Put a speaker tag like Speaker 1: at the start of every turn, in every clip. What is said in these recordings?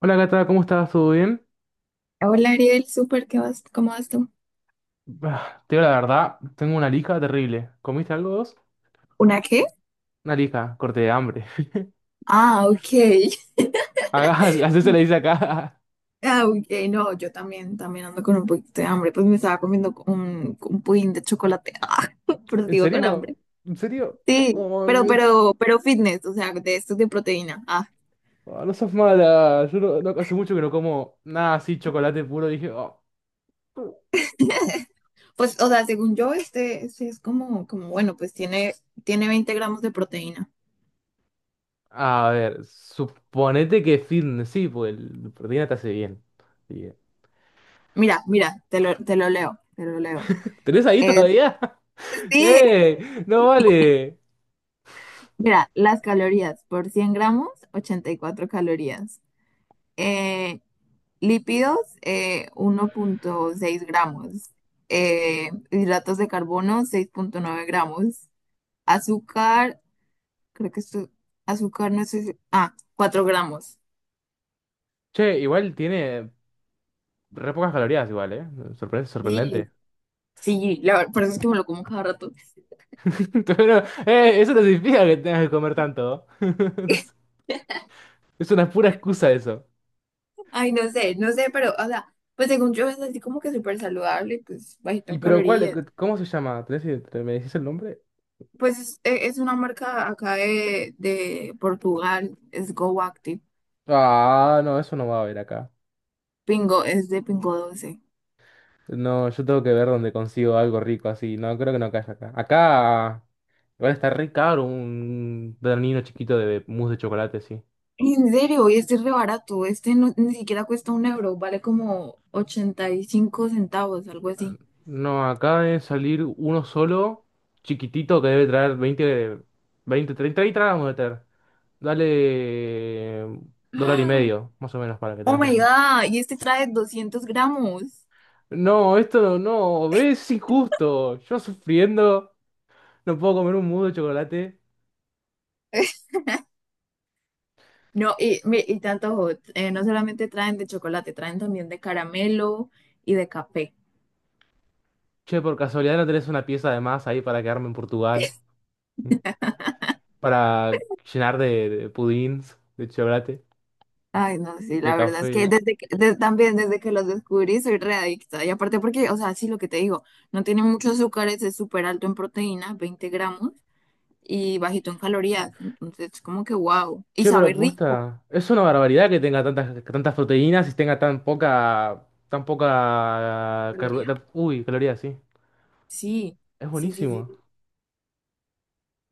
Speaker 1: Hola Cata, ¿cómo estás? ¿Todo bien?
Speaker 2: Hola Ariel, súper, ¿qué vas? ¿Cómo vas tú?
Speaker 1: Bah, te digo la verdad, tengo una lija terrible. ¿Comiste algo vos?
Speaker 2: ¿Una qué?
Speaker 1: Una lija, corte de hambre.
Speaker 2: Ah, ok.
Speaker 1: Acá, así se le dice acá.
Speaker 2: Ah, ok, no, yo también ando con un poquito de hambre, pues me estaba comiendo un pudín de chocolate, ah, pero
Speaker 1: ¿En
Speaker 2: sigo con
Speaker 1: serio?
Speaker 2: hambre.
Speaker 1: ¿En serio?
Speaker 2: Sí,
Speaker 1: Oh,
Speaker 2: pero,
Speaker 1: me-
Speaker 2: pero, pero fitness, o sea, de estos de proteína. Ah,
Speaker 1: oh, no sos mala. Yo no- no- Hace mucho que no como nada así, chocolate puro. Dije, oh.
Speaker 2: pues, o sea, según yo, este es como, bueno, pues tiene 20 gramos de proteína.
Speaker 1: A ver, suponete que fitness, sí, pues el proteína te hace bien. Sí.
Speaker 2: Mira, mira, te lo leo.
Speaker 1: ¿Tenés ahí
Speaker 2: Es,
Speaker 1: todavía?
Speaker 2: sí,
Speaker 1: ¡Eh! ¡No vale!
Speaker 2: mira, las calorías por 100 gramos, 84 calorías. Eh, Lípidos, 1,6 gramos. Hidratos de carbono, 6,9 gramos. Azúcar, creo que esto, azúcar no sé, ah, 4 gramos.
Speaker 1: Che, igual tiene re pocas calorías, igual, ¿eh? Sorprendente.
Speaker 2: Sí, sí, la verdad, por eso es que me lo como cada rato.
Speaker 1: Pero, eso no significa que tengas que comer tanto. No sé. Es una pura excusa eso.
Speaker 2: Ay, no sé, no sé, pero, o sea, pues según yo es así como que súper saludable, pues bajito
Speaker 1: ¿Y
Speaker 2: en
Speaker 1: pero cuál?
Speaker 2: calorías.
Speaker 1: ¿Cómo se llama? ¿Me decís el nombre?
Speaker 2: Pues es, es una marca acá de Portugal, es Go Active.
Speaker 1: Ah, no, eso no va a haber acá.
Speaker 2: Pingo, es de Pingo Doce.
Speaker 1: No, yo tengo que ver dónde consigo algo rico así. No, creo que no caiga acá. Acá, igual está re caro un danino chiquito de mousse de chocolate, sí.
Speaker 2: En serio, y este es re barato. Este no, ni siquiera cuesta un euro, vale como 85 centavos, algo así.
Speaker 1: No, acá de salir uno solo, chiquitito, que debe traer 20 20 30 y gramos de ter. Dale dólar y
Speaker 2: ¡Ah!
Speaker 1: medio, más o menos, para que
Speaker 2: Oh
Speaker 1: tengas en
Speaker 2: my
Speaker 1: cuenta.
Speaker 2: God, y este trae 200 gramos.
Speaker 1: No, esto no, no, ves, es injusto. Yo sufriendo, no puedo comer un mudo de chocolate.
Speaker 2: No, y, y tanto, no solamente traen de chocolate, traen también de caramelo y de café.
Speaker 1: Che, por casualidad no tenés una pieza de más ahí para quedarme en Portugal, para llenar de pudins, de chocolate,
Speaker 2: Ay, no, sí,
Speaker 1: de
Speaker 2: la verdad es que
Speaker 1: café.
Speaker 2: también desde que los descubrí soy re adicta. Y aparte porque, o sea, sí, lo que te digo, no tiene mucho azúcar, es súper alto en proteína, 20 gramos. Y bajito en calorías. Entonces, como que wow. Y
Speaker 1: Che, pero
Speaker 2: sabe rico.
Speaker 1: posta, es una barbaridad que tenga tantas, que tantas proteínas y tenga tan poca,
Speaker 2: ¿Caloría?
Speaker 1: uy, calorías, sí.
Speaker 2: Sí,
Speaker 1: Es
Speaker 2: sí, sí,
Speaker 1: buenísimo.
Speaker 2: sí.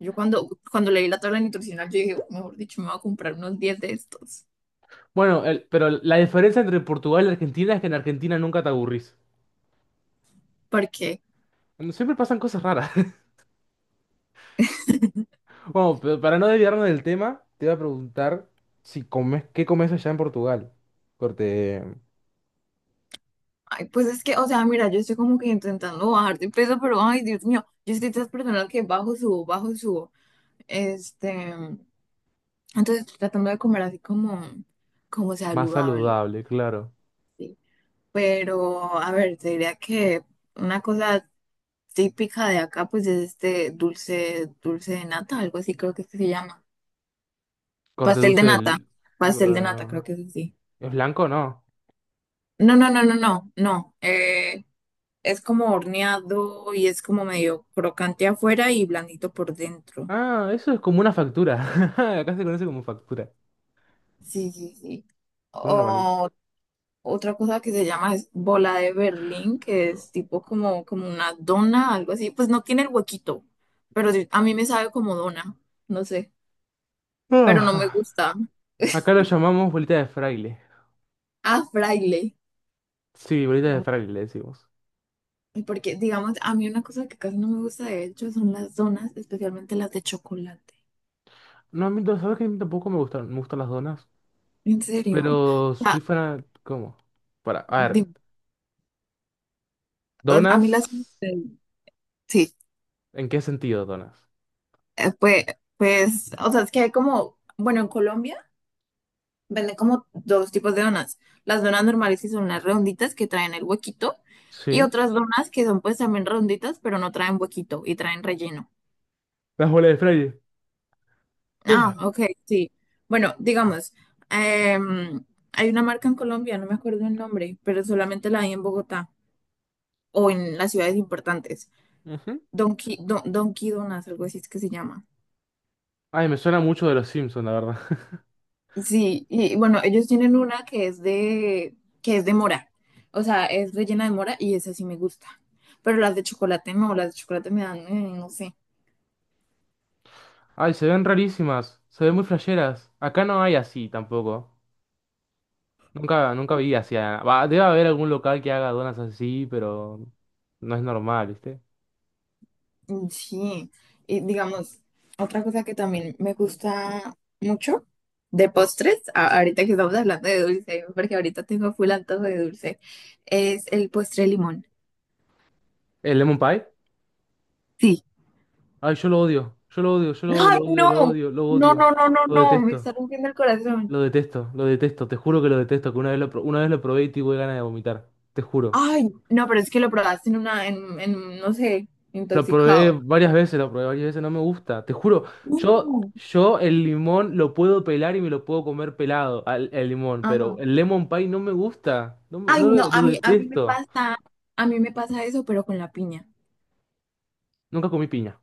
Speaker 2: Yo cuando leí la tabla nutricional, yo dije, mejor dicho, me voy a comprar unos 10 de estos.
Speaker 1: Bueno, pero la diferencia entre Portugal y Argentina es que en Argentina nunca te aburrís.
Speaker 2: ¿Por qué?
Speaker 1: Bueno, siempre pasan cosas raras. Bueno, pero para no desviarnos del tema, te voy a preguntar si comes, ¿qué comes allá en Portugal? Corte
Speaker 2: Ay, pues es que, o sea, mira, yo estoy como que intentando bajar de peso, pero ay, Dios mío, yo soy de esas personas que bajo, subo, bajo, subo. Este, entonces tratando de comer así como
Speaker 1: más
Speaker 2: saludable,
Speaker 1: saludable, claro.
Speaker 2: ¿sí? Pero, a ver, te diría que una cosa típica de acá, pues es este dulce de nata, algo así creo que es que se llama.
Speaker 1: Corte
Speaker 2: Pastel de
Speaker 1: dulce
Speaker 2: nata,
Speaker 1: del-
Speaker 2: pastel de nata,
Speaker 1: uh,
Speaker 2: creo que es así.
Speaker 1: ¿es blanco o no?
Speaker 2: No, no, no, no, no, no. Es como horneado y es como medio crocante afuera y blandito por dentro.
Speaker 1: Ah, eso es como una factura. Acá se conoce como factura.
Speaker 2: Sí, sí, sí.
Speaker 1: Una normalita.
Speaker 2: O otra cosa que se llama es bola de Berlín, que es tipo como una dona, algo así. Pues no tiene el huequito, pero sí, a mí me sabe como dona, no sé, pero no me
Speaker 1: Ah,
Speaker 2: gusta.
Speaker 1: acá lo llamamos bolita de fraile.
Speaker 2: Ah, fraile.
Speaker 1: Sí, bolita de fraile le decimos.
Speaker 2: Porque, digamos, a mí una cosa que casi no me gusta, de hecho, son las donas, especialmente las de chocolate.
Speaker 1: No, a mí, ¿sabes que a mí tampoco me gustan, me gustan las donas?
Speaker 2: En serio.
Speaker 1: Pero
Speaker 2: O sea,
Speaker 1: soy fan... ¿Cómo? Para, a
Speaker 2: di-
Speaker 1: ver.
Speaker 2: a mí las...
Speaker 1: ¿Donas?
Speaker 2: Sí,
Speaker 1: ¿En qué sentido donas?
Speaker 2: eh, pues, pues, o sea, es que hay como, bueno, en Colombia venden como dos tipos de donas. Las donas normales que son las redonditas que traen el huequito y
Speaker 1: Sí.
Speaker 2: otras donas que son pues también redonditas, pero no traen huequito y traen relleno.
Speaker 1: Las bolas de fraile.
Speaker 2: Ah,
Speaker 1: Ah.
Speaker 2: ok, sí. Bueno, digamos, em, hay una marca en Colombia, no me acuerdo el nombre, pero solamente la hay en Bogotá o en las ciudades importantes.
Speaker 1: Ujú.
Speaker 2: Donkey, Don, Donkey Donuts, algo así es que se llama.
Speaker 1: Ay, me suena mucho de los Simpsons, la verdad.
Speaker 2: Sí, y bueno, ellos tienen una que es de mora. O sea, es rellena de mora y esa sí me gusta. Pero las de chocolate no, las de chocolate me dan, no sé.
Speaker 1: Ay, se ven rarísimas. Se ven muy flasheras. Acá no hay así tampoco. Nunca, nunca vi así. Va, debe haber algún local que haga donas así, pero no es normal.
Speaker 2: Mm, sí, y digamos, otra cosa que también me gusta mucho de postres, ahorita que estamos hablando de dulce, porque ahorita tengo full antojo de dulce, es el postre de limón.
Speaker 1: ¿El lemon pie?
Speaker 2: Sí.
Speaker 1: Ay, yo lo odio. Yo lo odio, yo lo odio, lo
Speaker 2: ¡Ay,
Speaker 1: odio,
Speaker 2: no!
Speaker 1: lo odio, lo
Speaker 2: No, no,
Speaker 1: odio.
Speaker 2: no, no,
Speaker 1: Lo
Speaker 2: no, me
Speaker 1: detesto.
Speaker 2: está rompiendo el corazón.
Speaker 1: Lo detesto, lo detesto. Te juro que lo detesto. Que una vez una vez lo probé y tuve ganas de vomitar. Te juro.
Speaker 2: Ay, no, pero es que lo probaste en una, en, no sé,
Speaker 1: Lo probé
Speaker 2: intoxicado.
Speaker 1: varias veces, lo probé varias veces. No me gusta. Te juro. Yo,
Speaker 2: No.
Speaker 1: yo el limón lo puedo pelar y me lo puedo comer pelado, al, el limón. Pero
Speaker 2: Ajá.
Speaker 1: el lemon pie no me gusta. No,
Speaker 2: Ay,
Speaker 1: no
Speaker 2: no,
Speaker 1: lo
Speaker 2: a mí me
Speaker 1: detesto.
Speaker 2: pasa, a mí me pasa eso, pero con la piña.
Speaker 1: Nunca comí piña.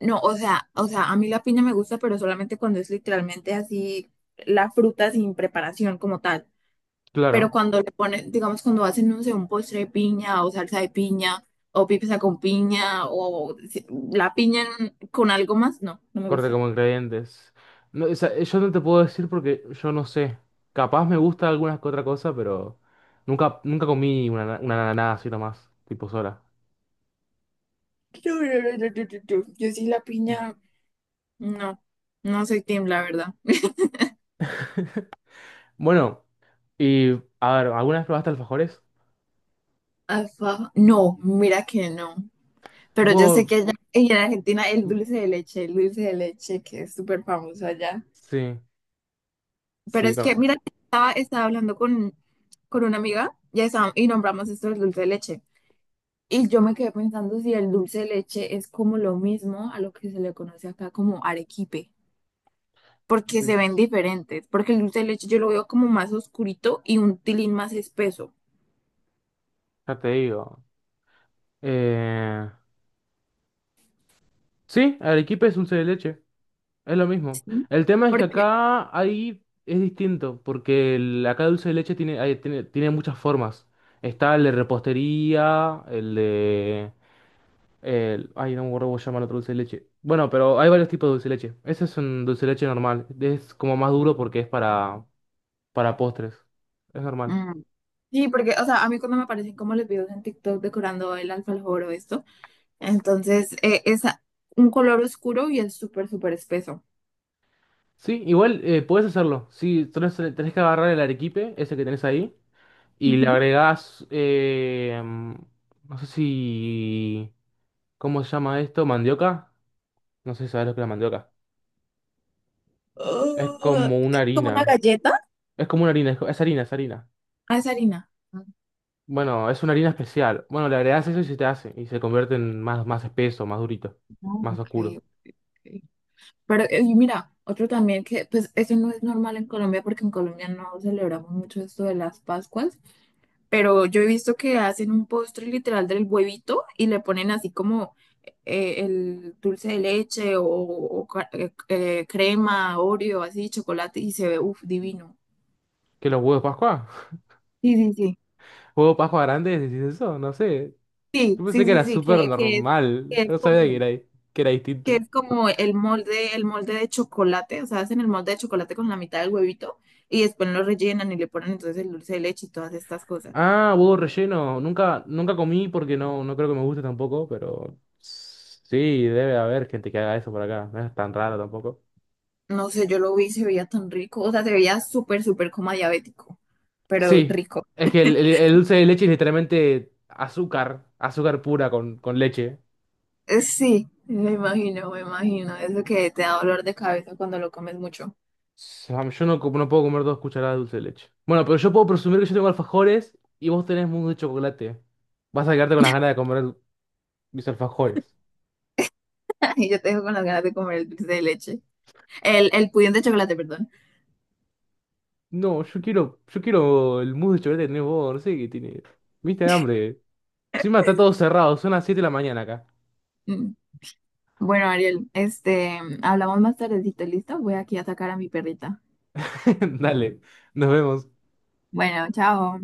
Speaker 2: No, o sea, a mí la piña me gusta, pero solamente cuando es literalmente así la fruta sin preparación como tal. Pero
Speaker 1: Claro.
Speaker 2: cuando le ponen, digamos, cuando hacen, no sé, un postre de piña o salsa de piña o pizza con piña o la piña con algo más, no, no me
Speaker 1: Corte
Speaker 2: gusta.
Speaker 1: como ingredientes. No, o sea, yo no te puedo decir porque yo no sé. Capaz me gusta alguna que otra cosa, pero nunca, nunca comí una nada así nomás, tipo sola.
Speaker 2: No, no, no, no, no, no, no. Yo sí la piña. No, no soy team, la verdad.
Speaker 1: Bueno, y a ver, ¿alguna vez probaste alfajores?
Speaker 2: Alfajor, no, mira que no. Pero yo sé
Speaker 1: Bueno,
Speaker 2: que allá en Argentina el dulce de leche, el dulce de leche que es súper famoso allá.
Speaker 1: sí,
Speaker 2: Pero
Speaker 1: sí,
Speaker 2: es que,
Speaker 1: con-
Speaker 2: mira, estaba hablando con una amiga y, y nombramos esto del dulce de leche. Y yo me quedé pensando si el dulce de leche es como lo mismo a lo que se le conoce acá como arequipe, porque se ven diferentes, porque el dulce de leche yo lo veo como más oscurito y un tilín más espeso,
Speaker 1: ya te digo. Eh, sí, arequipe es dulce de leche. Es lo mismo.
Speaker 2: ¿sí?
Speaker 1: El tema es que
Speaker 2: Porque,
Speaker 1: acá ahí es distinto, porque acá dulce de leche tiene, tiene muchas formas. Está el de repostería, el de... El, ay, no me acuerdo cómo se llama el otro dulce de leche. Bueno, pero hay varios tipos de dulce de leche. Ese es un dulce de leche normal. Es como más duro porque es para postres. Es normal.
Speaker 2: mm, sí, porque, o sea, a mí cuando me aparecen como los videos en TikTok decorando el alfajor o esto, entonces es un color oscuro y es súper, súper espeso.
Speaker 1: Sí, igual puedes hacerlo. Sí, tenés que agarrar el arequipe, ese que tenés ahí, y le agregás... no sé si... ¿Cómo se llama esto? ¿Mandioca? No sé si sabes lo que es la mandioca. Es
Speaker 2: Oh,
Speaker 1: como una
Speaker 2: es como una
Speaker 1: harina.
Speaker 2: galleta.
Speaker 1: Es como una harina, es harina, es harina.
Speaker 2: Ah, es harina. Ah,
Speaker 1: Bueno, es una harina especial. Bueno, le agregas eso y se te hace. Y se convierte en más, más espeso, más durito, más
Speaker 2: ok,
Speaker 1: oscuro.
Speaker 2: ok, ok. Pero, y mira, otro también que, pues, eso no es normal en Colombia porque en Colombia no celebramos mucho esto de las Pascuas, pero yo he visto que hacen un postre literal del huevito y le ponen así como el dulce de leche o crema, Oreo, así, chocolate y se ve, uff, divino.
Speaker 1: ¿Qué los huevos de Pascua?
Speaker 2: Sí, sí, sí.
Speaker 1: ¿Huevos de Pascua grandes? ¿Decís eso? No sé.
Speaker 2: Sí,
Speaker 1: Yo pensé
Speaker 2: sí,
Speaker 1: que
Speaker 2: sí,
Speaker 1: era
Speaker 2: sí,
Speaker 1: súper normal.
Speaker 2: que es
Speaker 1: No sabía
Speaker 2: como,
Speaker 1: que era
Speaker 2: que
Speaker 1: distinto.
Speaker 2: es como el molde de chocolate, o sea, hacen el molde de chocolate con la mitad del huevito y después lo rellenan y le ponen entonces el dulce de leche y todas estas cosas.
Speaker 1: Ah, huevo relleno. Nunca, nunca comí porque no, no creo que me guste tampoco, pero sí, debe haber gente que haga eso por acá. No es tan raro tampoco.
Speaker 2: No sé, yo lo vi, y se veía tan rico, o sea, se veía súper, súper como diabético, pero
Speaker 1: Sí,
Speaker 2: rico.
Speaker 1: es que el dulce de leche es literalmente azúcar, azúcar pura con leche.
Speaker 2: Sí, me imagino, eso que te da dolor de cabeza cuando lo comes mucho.
Speaker 1: Yo no, no puedo comer 2 cucharadas de dulce de leche. Bueno, pero yo puedo presumir que yo tengo alfajores y vos tenés mousse de chocolate. Vas a quedarte con las ganas de comer mis alfajores.
Speaker 2: Y yo te dejo con las ganas de comer el dulce de leche, el pudín de chocolate, perdón.
Speaker 1: No, yo quiero el mousse de chocolate que tenés vos, no sé qué tiene. ¿Viste hambre? Encima está todo cerrado, son las 7 de la mañana acá.
Speaker 2: Mm. Bueno, Ariel, este, hablamos más tardecito, ¿listo? Voy aquí a sacar a mi perrita.
Speaker 1: Dale, nos vemos.
Speaker 2: Bueno, chao.